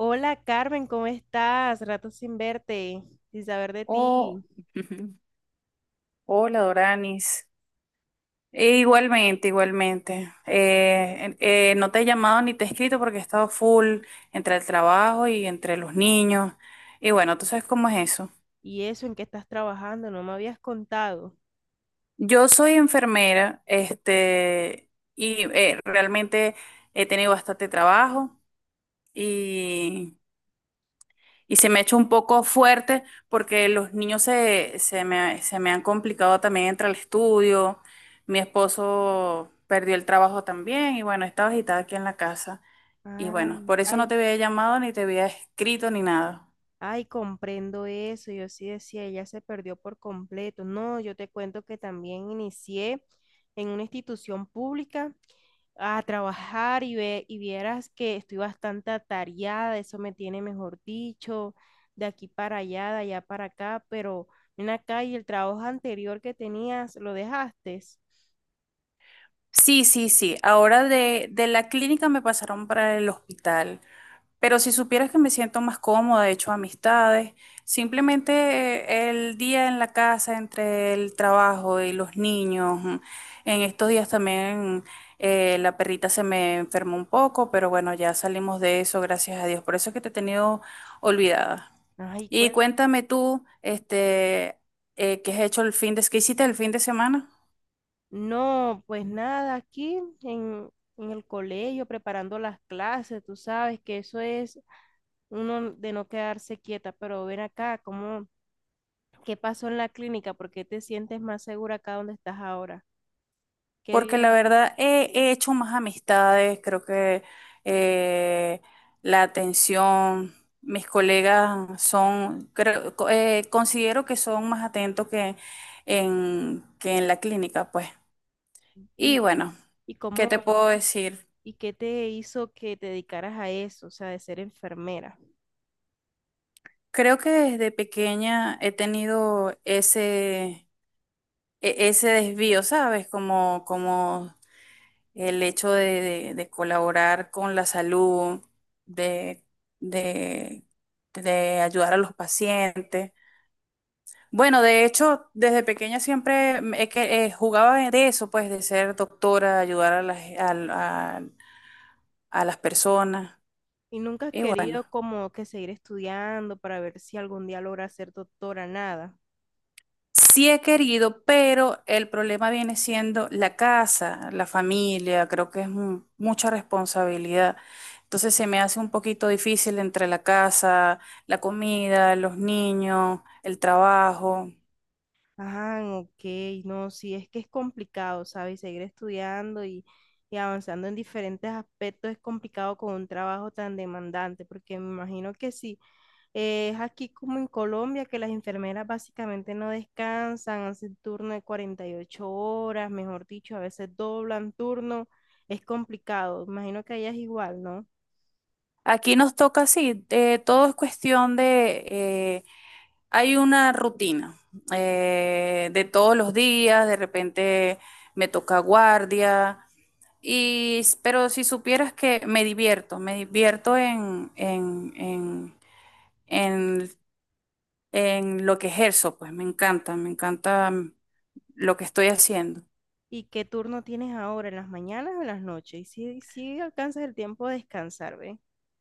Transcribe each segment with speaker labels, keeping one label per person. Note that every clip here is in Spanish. Speaker 1: Hola Carmen, ¿cómo estás? Rato sin verte, sin saber de
Speaker 2: Oh,
Speaker 1: ti.
Speaker 2: hola Doranis. E igualmente, igualmente. No te he llamado ni te he escrito porque he estado full entre el trabajo y entre los niños. Y bueno, tú sabes cómo es eso.
Speaker 1: Y eso, ¿en qué estás trabajando? No me habías contado.
Speaker 2: Yo soy enfermera, este, y realmente he tenido bastante trabajo. Y se me ha hecho un poco fuerte porque los niños se me han complicado también entre el estudio. Mi esposo perdió el trabajo también y bueno, estaba agitada aquí en la casa. Y
Speaker 1: Ah,
Speaker 2: bueno, por eso
Speaker 1: ay,
Speaker 2: no te había llamado ni te había escrito ni nada.
Speaker 1: ay, comprendo eso. Yo sí decía, ella se perdió por completo. No, yo te cuento que también inicié en una institución pública a trabajar y vieras que estoy bastante atareada, eso me tiene, mejor dicho, de aquí para allá, de allá para acá, pero ven acá, y el trabajo anterior que tenías, ¿lo dejaste?
Speaker 2: Sí, sí, sí. Ahora de la clínica me pasaron para el hospital. Pero si supieras que me siento más cómoda, he hecho amistades, simplemente el día en la casa entre el trabajo y los niños, en estos días también la perrita se me enfermó un poco, pero bueno, ya salimos de eso, gracias a Dios. Por eso es que te he tenido olvidada.
Speaker 1: Ay,
Speaker 2: Y cuéntame tú, este, ¿qué has hecho el fin qué hiciste el fin de semana?
Speaker 1: no, pues nada, en el colegio preparando las clases, tú sabes que eso es uno de no quedarse quieta, pero ven acá, ¿qué pasó en la clínica? ¿Por qué te sientes más segura acá donde estás ahora? ¿Qué
Speaker 2: Porque
Speaker 1: vives
Speaker 2: la
Speaker 1: aquí?
Speaker 2: verdad he hecho más amistades, creo que eh, la atención, mis colegas son, creo, considero que son más atentos que que en la clínica, pues. Y
Speaker 1: ¿Y,
Speaker 2: bueno,
Speaker 1: y
Speaker 2: ¿qué te
Speaker 1: cómo,
Speaker 2: puedo
Speaker 1: y
Speaker 2: decir?
Speaker 1: ¿Y qué te hizo que te dedicaras a eso, o sea, de ser enfermera?
Speaker 2: Creo que desde pequeña he tenido ese desvío, ¿sabes? Como, como el hecho de colaborar con la salud, de, de, de ayudar a los pacientes. Bueno, de hecho, desde pequeña siempre que, jugaba de eso, pues, de ser doctora, ayudar a a las personas.
Speaker 1: ¿Y nunca has
Speaker 2: Y bueno.
Speaker 1: querido, como que, seguir estudiando para ver si algún día logras ser doctora? Nada.
Speaker 2: Sí he querido, pero el problema viene siendo la casa, la familia, creo que es mucha responsabilidad. Entonces se me hace un poquito difícil entre la casa, la comida, los niños, el trabajo.
Speaker 1: Ah, ok, no, sí, es que es complicado, ¿sabes? Seguir estudiando y avanzando en diferentes aspectos es complicado con un trabajo tan demandante, porque me imagino que sí. Es aquí como en Colombia, que las enfermeras básicamente no descansan, hacen turno de 48 horas, mejor dicho, a veces doblan turno. Es complicado, imagino que allá es igual, ¿no?
Speaker 2: Aquí nos toca así, todo es cuestión de hay una rutina de todos los días, de repente me toca guardia. Pero si supieras que me divierto en, en lo que ejerzo, pues me encanta, me encanta, lo que estoy haciendo.
Speaker 1: ¿Y qué turno tienes ahora, en las mañanas o en las noches? Y si alcanzas el tiempo de descansar, ¿ve? O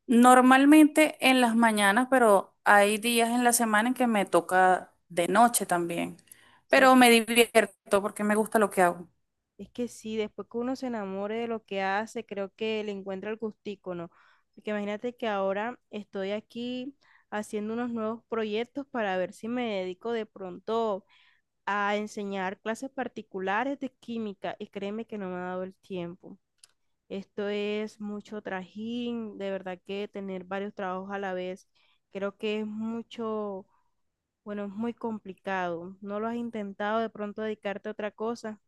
Speaker 2: Normalmente en las mañanas, pero hay días en la semana en que me toca de noche también.
Speaker 1: sea,
Speaker 2: Pero me divierto porque me gusta lo que hago.
Speaker 1: es que sí, después que uno se enamore de lo que hace, creo que le encuentra el gustico, ¿no? Porque imagínate que ahora estoy aquí haciendo unos nuevos proyectos para ver si me dedico de pronto a enseñar clases particulares de química, y créeme que no me ha dado el tiempo. Esto es mucho trajín, de verdad que tener varios trabajos a la vez, creo que es mucho, bueno, es muy complicado. ¿No lo has intentado de pronto dedicarte a otra cosa?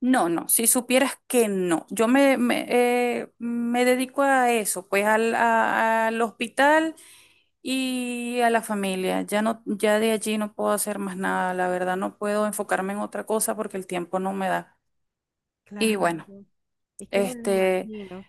Speaker 2: No, no, si supieras que no. Yo me dedico a eso, pues al hospital y a la familia. Ya no, ya de allí no puedo hacer más nada, la verdad no puedo enfocarme en otra cosa porque el tiempo no me da. Y
Speaker 1: Claro,
Speaker 2: bueno,
Speaker 1: es que me lo
Speaker 2: este,
Speaker 1: imagino.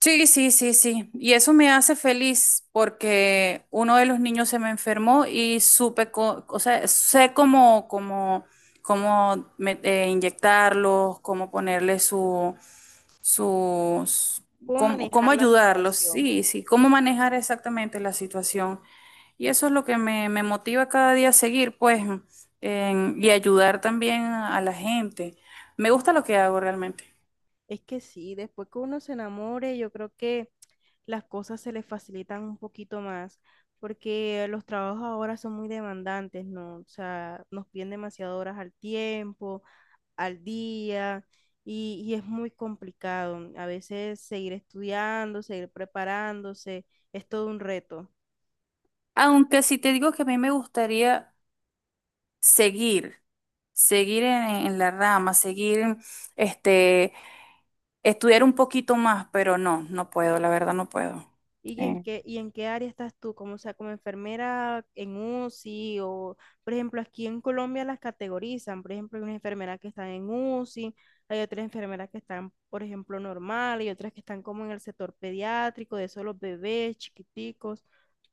Speaker 2: sí, sí, sí, sí. Y eso me hace feliz porque uno de los niños se me enfermó y supe, o sea, sé cómo inyectarlos, cómo ponerle sus,
Speaker 1: ¿Cómo
Speaker 2: cómo, cómo
Speaker 1: manejar la
Speaker 2: ayudarlos,
Speaker 1: situación?
Speaker 2: sí, sí, cómo manejar exactamente la situación. Y eso es lo que me motiva cada día a seguir, pues, y ayudar también a la gente. Me gusta lo que hago realmente.
Speaker 1: Es que sí, después que uno se enamore, yo creo que las cosas se les facilitan un poquito más, porque los trabajos ahora son muy demandantes, ¿no? O sea, nos piden demasiadas horas al tiempo, al día, y es muy complicado. A veces seguir estudiando, seguir preparándose, es todo un reto.
Speaker 2: Aunque si te digo que a mí me gustaría seguir, seguir en la rama, seguir, este, estudiar un poquito más, pero no, no puedo, la verdad no puedo. Eh,
Speaker 1: ¿Y en qué área estás tú? Como, o sea, como enfermera en UCI o, por ejemplo, aquí en Colombia las categorizan. Por ejemplo, hay unas enfermeras que están en UCI, hay otras enfermeras que están, por ejemplo, normal, y otras que están como en el sector pediátrico, de solo bebés chiquiticos.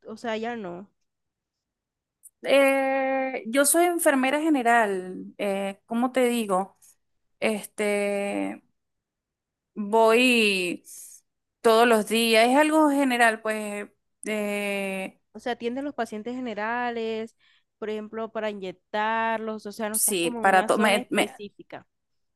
Speaker 1: O sea, ya no.
Speaker 2: Yo soy enfermera general, ¿cómo te digo? Este, voy todos los días, es algo general, pues, eh,
Speaker 1: O sea, atienden los pacientes generales, por ejemplo, para inyectarlos. O sea, no estás
Speaker 2: sí,
Speaker 1: como en
Speaker 2: para
Speaker 1: una zona específica.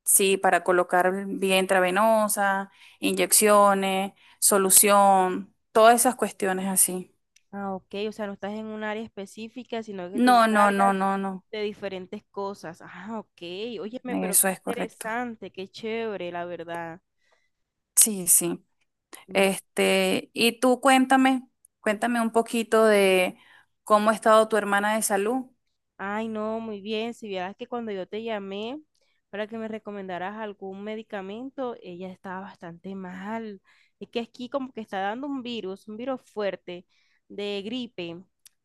Speaker 2: sí, para colocar vía intravenosa, inyecciones, solución, todas esas cuestiones así.
Speaker 1: Ah, ok, o sea, no estás en un área específica, sino que te
Speaker 2: No, no, no,
Speaker 1: encargas
Speaker 2: no, no,
Speaker 1: de diferentes cosas. Ah, ok, óyeme, pero
Speaker 2: eso
Speaker 1: qué
Speaker 2: es correcto.
Speaker 1: interesante, qué chévere, la verdad.
Speaker 2: Sí, sí. Este, y tú cuéntame, cuéntame un poquito de cómo ha estado tu hermana de salud.
Speaker 1: Ay, no, muy bien. Si vieras que cuando yo te llamé para que me recomendaras algún medicamento, ella estaba bastante mal. Es que aquí como que está dando un virus fuerte de gripe,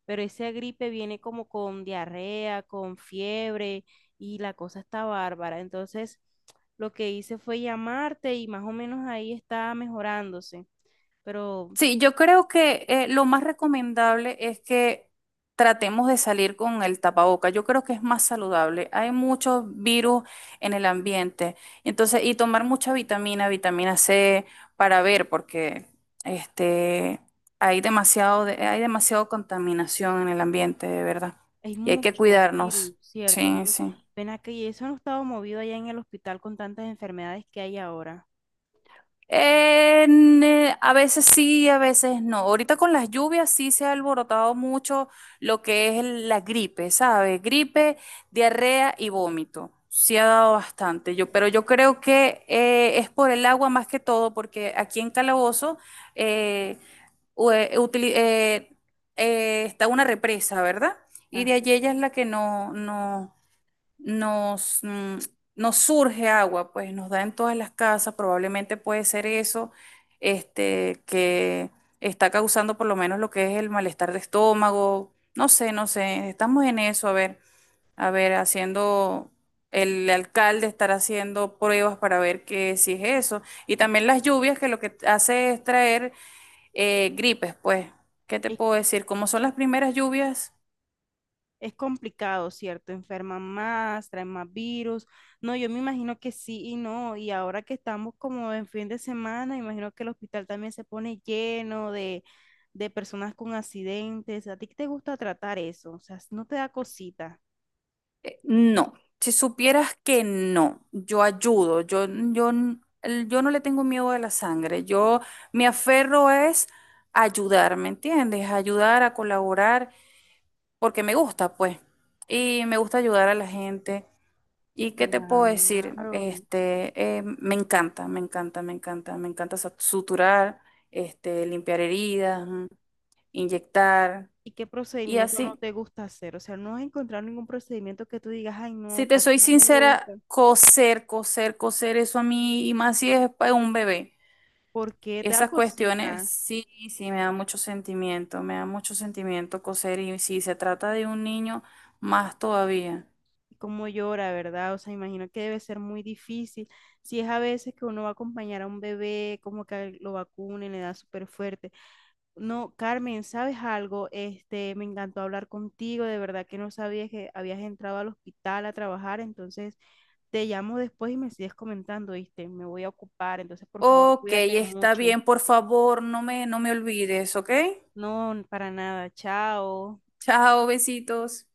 Speaker 1: pero esa gripe viene como con diarrea, con fiebre, y la cosa está bárbara. Entonces, lo que hice fue llamarte, y más o menos ahí está mejorándose. Pero
Speaker 2: Sí, yo creo que lo más recomendable es que tratemos de salir con el tapaboca. Yo creo que es más saludable. Hay muchos virus en el ambiente. Entonces, y tomar mucha vitamina, vitamina C para ver, porque este, hay demasiado, hay demasiado contaminación en el ambiente, de verdad.
Speaker 1: hay
Speaker 2: Y hay que
Speaker 1: mucho virus,
Speaker 2: cuidarnos.
Speaker 1: ¿cierto?
Speaker 2: Sí,
Speaker 1: Mucho.
Speaker 2: sí.
Speaker 1: Ven acá, ¿y eso no estaba movido allá en el hospital con tantas enfermedades que hay ahora?
Speaker 2: A veces sí, a veces no. Ahorita con las lluvias sí se ha alborotado mucho lo que es la gripe, ¿sabes? Gripe, diarrea y vómito. Sí ha dado bastante, yo, pero yo creo que es por el agua más que todo, porque aquí en Calabozo eh, u- eh, utili- eh, está una represa, ¿verdad? Y de
Speaker 1: Ah,
Speaker 2: allí ella es la que no nos, nos surge agua, pues nos da en todas las casas, probablemente puede ser eso, este, que está causando por lo menos lo que es el malestar de estómago, no sé, no sé, estamos en eso, a ver, haciendo, el alcalde estará haciendo pruebas para ver que si es eso, y también las lluvias que lo que hace es traer gripes, pues, ¿qué te
Speaker 1: es,
Speaker 2: puedo decir? Como son las primeras lluvias.
Speaker 1: es complicado, ¿cierto? Enferman más, traen más virus. No, yo me imagino que sí y no. Y ahora que estamos como en fin de semana, imagino que el hospital también se pone lleno de personas con accidentes. ¿A ti qué te gusta tratar eso? O sea, no te da cosita.
Speaker 2: No, si supieras que no, yo ayudo, yo no le tengo miedo a la sangre, yo me aferro es a ayudar, ¿me entiendes? A ayudar, a colaborar, porque me gusta, pues, y me gusta ayudar a la gente. ¿Y qué te puedo decir?
Speaker 1: Claro.
Speaker 2: Este, me encanta, me encanta, me encanta, me encanta suturar, este, limpiar heridas, inyectar
Speaker 1: ¿Y qué
Speaker 2: y
Speaker 1: procedimiento no
Speaker 2: así.
Speaker 1: te gusta hacer? O sea, no has encontrado ningún procedimiento que tú digas, ay,
Speaker 2: Si
Speaker 1: no,
Speaker 2: te
Speaker 1: casi
Speaker 2: soy
Speaker 1: no me gusta,
Speaker 2: sincera, coser, coser, coser, eso a mí, y más si es para un bebé.
Speaker 1: porque te da
Speaker 2: Esas cuestiones,
Speaker 1: cosita,
Speaker 2: sí, sí, me da mucho sentimiento, me da mucho sentimiento coser, y si se trata de un niño, más todavía.
Speaker 1: como llora, ¿verdad? O sea, imagino que debe ser muy difícil. Si es a veces que uno va a acompañar a un bebé, como que lo vacunen, le da súper fuerte. No, Carmen, ¿sabes algo? Este, me encantó hablar contigo, de verdad que no sabía que habías entrado al hospital a trabajar, entonces te llamo después y me sigues comentando, ¿viste? Me voy a ocupar, entonces por favor,
Speaker 2: Ok,
Speaker 1: cuídate
Speaker 2: está
Speaker 1: mucho.
Speaker 2: bien, por favor, no me, no me olvides, ¿ok?
Speaker 1: No, para nada. Chao.
Speaker 2: Chao, besitos.